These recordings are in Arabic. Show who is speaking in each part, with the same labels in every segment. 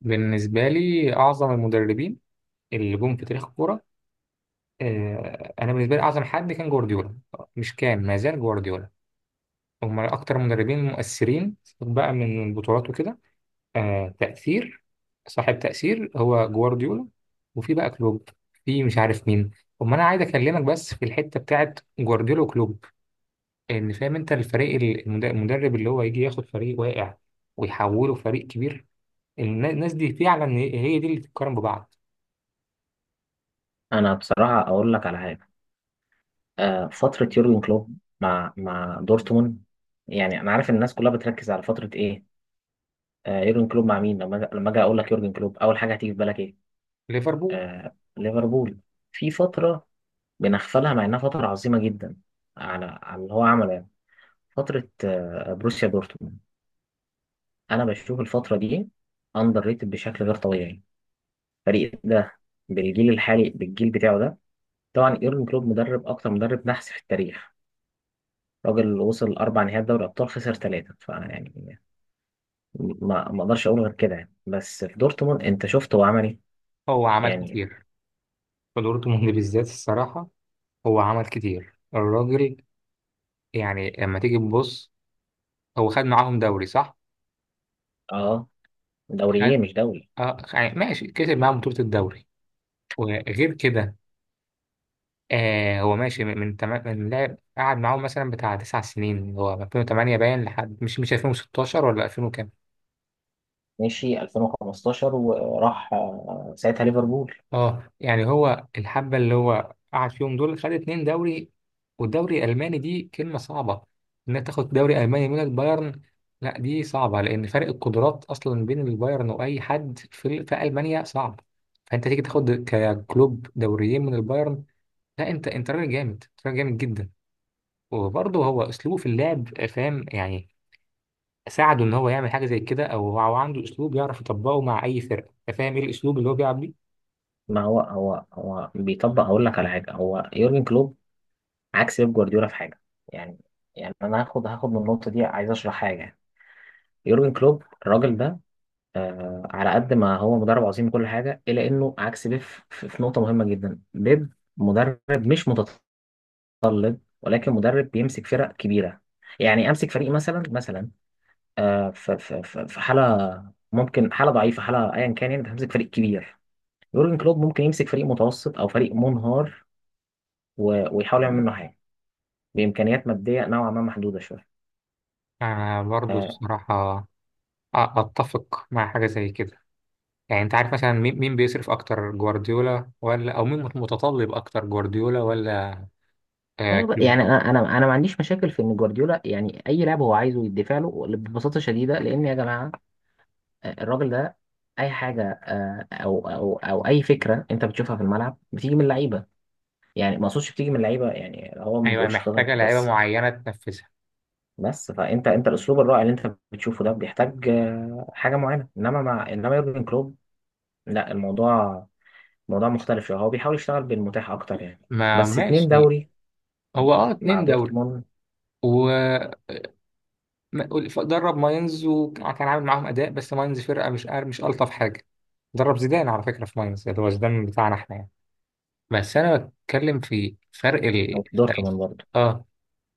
Speaker 1: بالنسبة لي أعظم المدربين اللي جم في تاريخ الكورة. أنا بالنسبة لي أعظم حد كان جوارديولا، مش كان، ما زال جوارديولا. هم أكتر مدربين مؤثرين بقى من البطولات وكده. تأثير، صاحب تأثير هو جوارديولا، وفي بقى كلوب، في مش عارف مين. أما أنا عايز أكلمك بس في الحتة بتاعت جوارديولا وكلوب، إن فاهم أنت الفريق المدرب اللي هو يجي ياخد فريق واقع ويحوله فريق كبير. الناس دي فعلا هي دي اللي تتقارن ببعض.
Speaker 2: انا بصراحه اقول لك على حاجه. فتره يورجن كلوب مع دورتموند. يعني انا عارف الناس كلها بتركز على فتره ايه. يورجن كلوب مع مين. لما اجي اقول لك يورجن كلوب اول حاجه هتيجي في بالك ايه؟
Speaker 1: ليفربول.
Speaker 2: ليفربول. في فتره بنغفلها مع انها فتره عظيمه جدا، على اللي هو عمله يعني. فتره بروسيا دورتموند. انا بشوف الفتره دي اندر ريتد بشكل غير طبيعي. الفريق ده بالجيل الحالي، بالجيل بتاعه ده. طبعا يورجن كلوب مدرب، اكتر مدرب نحس في التاريخ. راجل وصل أربع نهائيات دوري أبطال، خسر ثلاثة فيعني. ما أقدرش أقول غير كده يعني. بس في دورتموند أنت شفت هو عمل إيه.
Speaker 1: هو عمل
Speaker 2: يعني
Speaker 1: كتير. في دورتموند بالذات الصراحة، هو عمل كتير الراجل. يعني لما تيجي تبص، هو خد معاهم دوري صح؟
Speaker 2: أه، دوريين
Speaker 1: خد.
Speaker 2: مش دوري.
Speaker 1: آه يعني ماشي، كسب معاهم بطولة الدوري وغير كده. آه، هو ماشي من لعب، قعد معاهم مثلا بتاع تسع سنين، اللي هو من 2008 باين لحد مش 2016 ولا 2000.
Speaker 2: مشي 2015 وراح، ساعتها ليفربول.
Speaker 1: اه يعني هو الحبة اللي هو قعد فيهم دول خد اتنين دوري. والدوري الألماني دي كلمة صعبة، إنك تاخد دوري ألماني من البايرن. لا دي صعبة، لأن فرق القدرات أصلا بين البايرن وأي حد في ألمانيا صعب. فأنت تيجي تاخد ككلوب دوريين من البايرن، لا أنت راجل جامد، أنت راجل جامد جدا. وبرضه هو أسلوبه في اللعب، فاهم يعني، ساعده إن هو يعمل حاجة زي كده، أو هو عنده أسلوب يعرف يطبقه مع أي فرقة. فاهم إيه الأسلوب اللي هو بيلعب بيه؟
Speaker 2: ما هو بيطبق، هقول لك على حاجة. هو يورجن كلوب عكس بيب جوارديولا في حاجة. يعني يعني أنا هاخد من النقطة دي، عايز أشرح حاجة. يورجن كلوب الراجل ده، على قد ما هو مدرب عظيم وكل حاجه الا انه عكس بيب في نقطه مهمه جدا. بيب مدرب، مش متطلب، ولكن مدرب بيمسك فرق كبيره. يعني امسك فريق مثلا مثلا، في حاله، ممكن حاله ضعيفه، حاله ايا كان يعني. بتمسك فريق كبير. يورجن كلوب ممكن يمسك فريق متوسط او فريق منهار، ويحاول يعمل منه حاجه بامكانيات ماديه نوعا ما محدوده شويه.
Speaker 1: أنا برضه
Speaker 2: آه،
Speaker 1: الصراحة اتفق مع حاجه زي كده. يعني انت عارف مثلا مين بيصرف اكتر، جوارديولا ولا، او مين متطلب اكتر، جوارديولا ولا. آه
Speaker 2: ايوه بقى،
Speaker 1: كلوب.
Speaker 2: يعني انا ما عنديش مشاكل في ان جوارديولا، يعني اي لاعب هو عايزه يدفع له ببساطه شديده، لان يا جماعه الراجل ده اي حاجه، او اي فكره انت بتشوفها في الملعب بتيجي من اللعيبه. يعني ما اقصدش بتيجي من اللعيبه، يعني هو ما
Speaker 1: ايوه،
Speaker 2: بيقولش خطط
Speaker 1: محتاجه لعيبه
Speaker 2: بس.
Speaker 1: معينه تنفذها.
Speaker 2: بس فانت، انت الاسلوب الرائع اللي انت بتشوفه ده بيحتاج حاجه معينه، انما مع يورجن كلوب، لا، الموضوع موضوع مختلف شويه. هو بيحاول يشتغل بالمتاح اكتر يعني.
Speaker 1: ما
Speaker 2: بس اتنين
Speaker 1: ماشي.
Speaker 2: دوري
Speaker 1: هو اه
Speaker 2: مع
Speaker 1: اتنين دوري،
Speaker 2: دورتموند
Speaker 1: و درب ماينز، وكان عامل معاهم اداء، بس ماينز فرقه مش الطف حاجه. درب زيدان على فكره في ماينز، اللي هو زيدان بتاعنا احنا يعني. بس انا بتكلم في فرق
Speaker 2: او في
Speaker 1: ال-
Speaker 2: دورتموند برضه.
Speaker 1: اه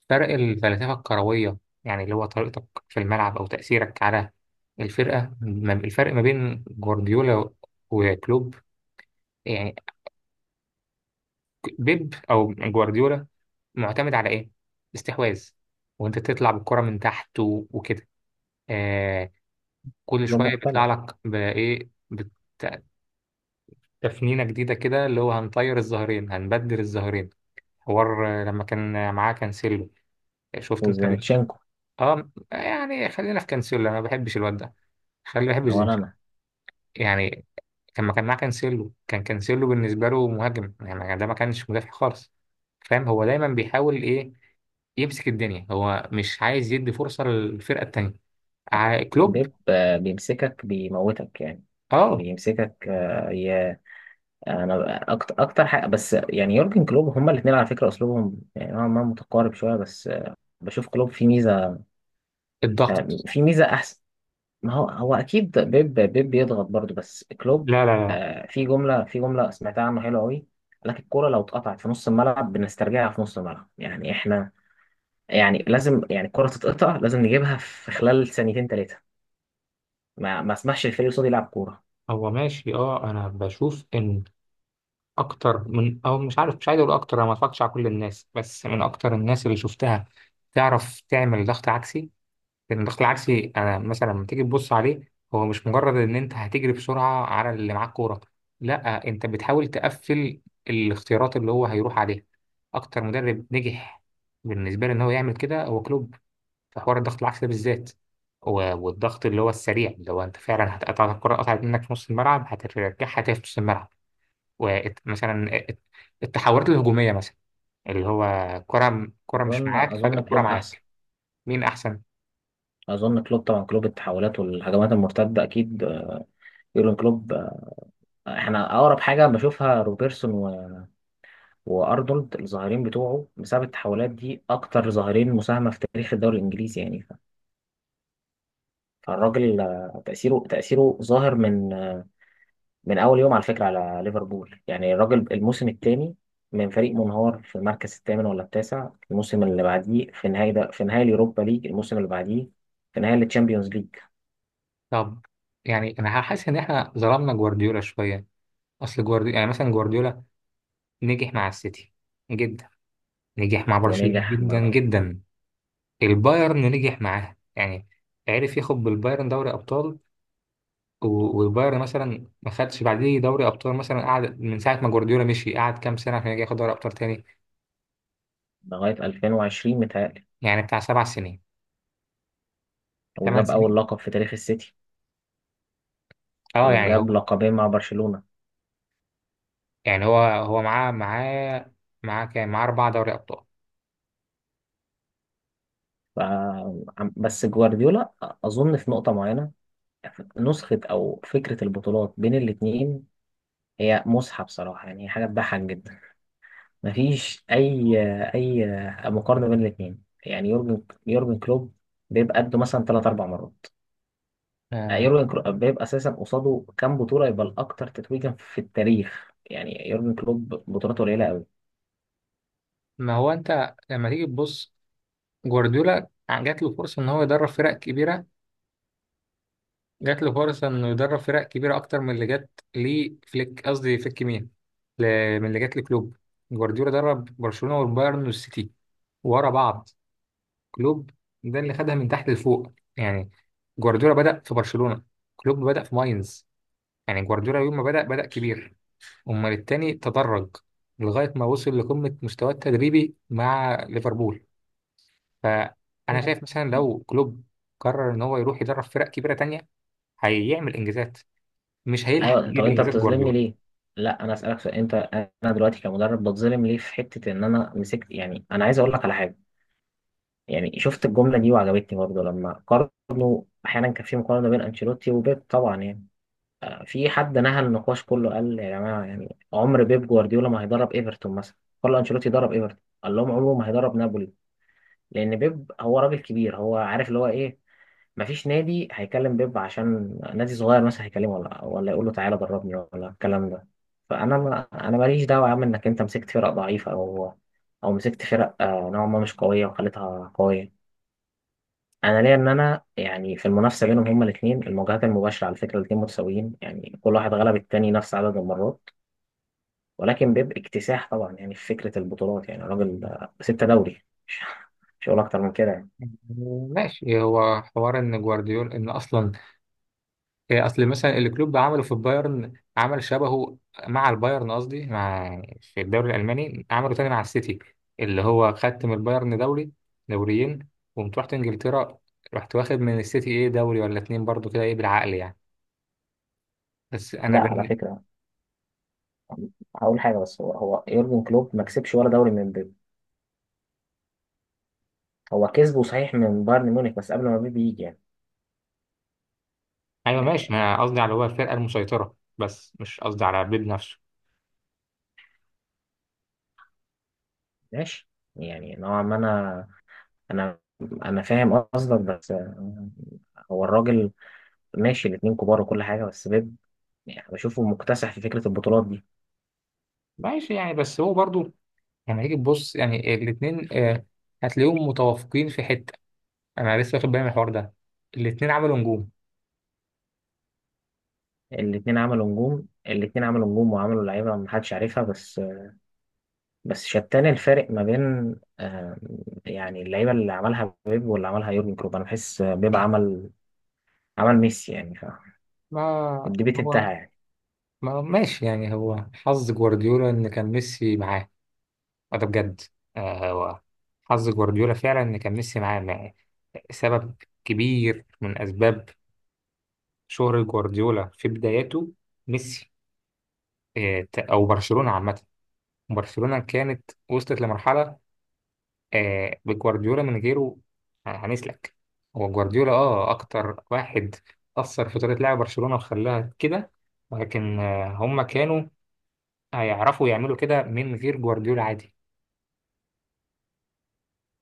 Speaker 1: فرق الفلسفة الكروية، يعني اللي هو طريقتك في الملعب أو تأثيرك على الفرق ما بين جوارديولا وكلوب. يعني بيب أو جوارديولا معتمد على إيه؟ استحواذ، وأنت تطلع بالكرة من تحت وكده. آه، كل
Speaker 2: ده
Speaker 1: شوية
Speaker 2: مختلف.
Speaker 1: بيطلع لك تفنينة جديدة كده، اللي هو هنطير الظهرين، هنبدل الظهرين. حوار لما كان معاه كانسيلو، شفت أنت
Speaker 2: وزينتشينكو.
Speaker 1: اه يعني خلينا في كانسيلو، أنا ما بحبش الواد ده، خلي بحب
Speaker 2: هو
Speaker 1: زيزو.
Speaker 2: انا
Speaker 1: يعني كان ما كان معاه كانسيلو، كان كانسيلو بالنسبة له مهاجم، يعني ده ما كانش مدافع خالص. فاهم هو دايما بيحاول ايه؟ يمسك الدنيا، هو مش عايز يدي فرصة للفرقة التانية. كلوب.
Speaker 2: بيب بيمسكك بيموتك يعني.
Speaker 1: اه
Speaker 2: بيمسكك. انا اكتر حاجه، بس يعني يورجن كلوب هما الاثنين على فكره اسلوبهم يعني نوعا ما متقارب شويه. بس بشوف كلوب فيه ميزه،
Speaker 1: الضغط.
Speaker 2: في ميزه احسن. ما هو هو اكيد بيب بيضغط برضه، بس كلوب،
Speaker 1: لا لا لا.
Speaker 2: في جمله، في جمله سمعتها عنه حلوه قوي. قال لك الكوره لو اتقطعت في نص الملعب بنسترجعها في نص الملعب. يعني احنا يعني لازم، يعني الكوره تتقطع لازم نجيبها في خلال ثانيتين ثلاثه. ما اسمحش الفريق اللي قصادي يلعب كوره.
Speaker 1: هو ماشي، انا بشوف ان اكتر من، مش عارف، مش عايز اقول اكتر، انا ما اتفرجتش على كل الناس، بس من اكتر الناس اللي شفتها تعرف تعمل ضغط عكسي. لكن الضغط العكسي انا مثلا لما تيجي تبص عليه، هو مش مجرد ان انت هتجري بسرعه على اللي معاك كوره، لا انت بتحاول تقفل الاختيارات اللي هو هيروح عليها. اكتر مدرب نجح بالنسبه لي ان هو يعمل كده هو كلوب، في حوار الضغط العكسي ده بالذات، والضغط اللي هو السريع، اللي هو انت فعلا هتقطع الكره، قطعت منك في نص الملعب هترجعها تاني في نص الملعب. ومثلا التحولات الهجوميه مثلا، اللي هو كره كره مش
Speaker 2: اظن
Speaker 1: معاك فجاه
Speaker 2: اظن
Speaker 1: كره
Speaker 2: كلوب احسن.
Speaker 1: معاك. مين احسن؟
Speaker 2: اظن كلوب طبعا، كلوب التحولات والهجمات المرتده اكيد. يورجن كلوب. احنا اقرب حاجه بشوفها روبرتسون وارنولد، الظاهرين بتوعه بسبب التحولات دي، اكتر ظاهرين مساهمه في تاريخ الدوري الانجليزي يعني. فالراجل، تاثيره ظاهر من اول يوم على فكره، على ليفربول. يعني الراجل الموسم الثاني، من فريق منهار في المركز الثامن ولا التاسع، الموسم اللي بعديه في نهائي، ده في نهائي اليوروبا ليج، الموسم اللي بعديه في نهائي التشامبيونز ليج.
Speaker 1: طب، يعني انا حاسس ان احنا ظلمنا جوارديولا شويه. اصل جوارديولا يعني مثلا، جوارديولا نجح مع السيتي جدا، نجح مع برشلونه
Speaker 2: ونجح م-
Speaker 1: جدا جدا، البايرن نجح معاه يعني، عرف ياخد بالبايرن دوري ابطال، والبايرن مثلا ما خدش بعديه دوري ابطال مثلا، قعد من ساعه ما جوارديولا مشي قعد كام سنه عشان يجي ياخد دوري ابطال تاني.
Speaker 2: لغايه 2020 متهيألي.
Speaker 1: يعني بتاع سبع سنين، ثمان
Speaker 2: وجاب اول
Speaker 1: سنين.
Speaker 2: لقب في تاريخ السيتي،
Speaker 1: اه يعني هو
Speaker 2: وجاب لقبين مع برشلونه.
Speaker 1: يعني هو هو معاه، معاه كام؟ معاه اربع دوري ابطال.
Speaker 2: ف- بس جوارديولا، أظن في نقطة معينة، نسخة أو فكرة البطولات بين الاتنين هي مصحة بصراحة، يعني حاجة تضحك جدا. مفيش أي مقارنة بين الاتنين. يعني يورجن كلوب بيبقى قده مثلا تلات أربع مرات.
Speaker 1: آه.
Speaker 2: يورجن كلوب بيبقى أساسا قصاده كام بطولة يبقى الأكتر تتويجا في التاريخ، يعني يورجن كلوب بطولاته قليلة
Speaker 1: ما هو انت لما تيجي تبص، جوارديولا جات له فرصة إن هو يدرب فرق كبيرة، جات له فرصة إنه يدرب فرق كبيرة أكتر من اللي جات لفليك، قصدي فليك مين، ل- من اللي جات لكلوب. جوارديولا درب برشلونة والبايرن والسيتي ورا بعض. كلوب ده اللي خدها من تحت لفوق يعني. جوارديولا بدأ في برشلونة، كلوب بدأ في ماينز. يعني جوارديولا يوم ما بدأ، بدأ كبير، أمال التاني تدرج لغاية ما وصل لقمة مستواه التدريبي مع ليفربول. فانا شايف مثلا
Speaker 2: أوي.
Speaker 1: لو كلوب قرر ان هو يروح يدرب فرق كبيره تانية، هيعمل انجازات، مش هيلحق
Speaker 2: ايوه، طب
Speaker 1: يجيب
Speaker 2: انت
Speaker 1: انجازات
Speaker 2: بتظلمني
Speaker 1: جوارديولا.
Speaker 2: ليه؟ لا انا اسالك سؤال انت. انا دلوقتي كمدرب بتظلم ليه في حته ان انا مسكت؟ يعني انا عايز اقول لك على حاجه. يعني شفت الجمله دي وعجبتني برضه، لما قارنوا احيانا كان في مقارنه بين انشيلوتي وبيب، طبعا يعني. في حد نهى النقاش كله، قال يا جماعه، يعني عمر بيب جوارديولا ما هيدرب ايفرتون مثلا. كارلو انشيلوتي درب ايفرتون. قال لهم عمره ما هيدرب نابولي، لان بيب هو راجل كبير، هو عارف اللي هو ايه. مفيش نادي هيكلم بيب عشان نادي صغير، مثلا هيكلمه ولا يقول له تعالى دربني، ولا الكلام ده. فانا، ما انا ماليش دعوه يا عم انك انت مسكت فرق ضعيفه، او مسكت فرق نوعا ما مش قويه وخليتها قويه. انا ليا ان انا يعني في المنافسه بينهم هما الاثنين، المواجهات المباشره على فكره الاثنين متساويين، يعني كل واحد غلب التاني نفس عدد المرات. ولكن بيب اكتساح طبعا، يعني في فكره البطولات، يعني راجل ستة دوري مش هقول اكتر من كده يعني.
Speaker 1: ماشي، هو حوار ان جوارديولا، ان اصلا إيه، اصل مثلا اللي كلوب عمله في البايرن عمل شبهه مع البايرن، قصدي مع، في الدوري الالماني، عمله تاني مع السيتي، اللي هو خدت من البايرن دوري، دوريين، وقمت رحت انجلترا، رحت واخد من السيتي ايه، دوري ولا اتنين برضو كده، ايه بالعقل يعني. بس انا
Speaker 2: لا، على فكره، هقول حاجه بس. هو يورجن كلوب ما كسبش ولا دوري من بيب. هو كسبه صحيح من بايرن ميونخ، بس قبل ما بيب يجي يعني.
Speaker 1: ايوه ماشي،
Speaker 2: آه،
Speaker 1: ما أنا قصدي على هو الفرقه المسيطره بس، مش قصدي على بيب نفسه.
Speaker 2: ماشي، يعني نوعا ما انا، انا انا فاهم قصدك. بس هو الراجل، ماشي، الاتنين كبار وكل حاجه، بس بيب يعني بشوفه مكتسح في فكره البطولات دي.
Speaker 1: ماشي يعني، بس هو برضو لما هيجي تبص يعني الاثنين، هتلاقيهم متوافقين في حته. انا لسه واخد بالي من الحوار ده، الاثنين عملوا نجوم.
Speaker 2: الاتنين عملوا نجوم. الاتنين عملوا نجوم، وعملوا لعيبه ما حدش عارفها. بس شتان الفارق ما بين، آه، يعني اللعيبه اللي عملها بيب واللي عملها يورجن كلوب، انا بحس بيب عمل ميسي، يعني فاهم؟
Speaker 1: ما
Speaker 2: الديبيت
Speaker 1: هو
Speaker 2: انتهى يعني.
Speaker 1: ما ماشي، يعني هو حظ جوارديولا ان كان ميسي معاه، وده بجد. هو حظ جوارديولا فعلا ان كان ميسي معاه سبب كبير من اسباب شهرة جوارديولا في بداياته، ميسي. او برشلونه عامه، برشلونة كانت وصلت لمرحلة بجوارديولا من غيره هنسلك. هو جوارديولا أكتر واحد أثر في طريقة لعب برشلونة وخلاها كده، ولكن هم كانوا هيعرفوا يعملوا كده من غير جوارديولا عادي.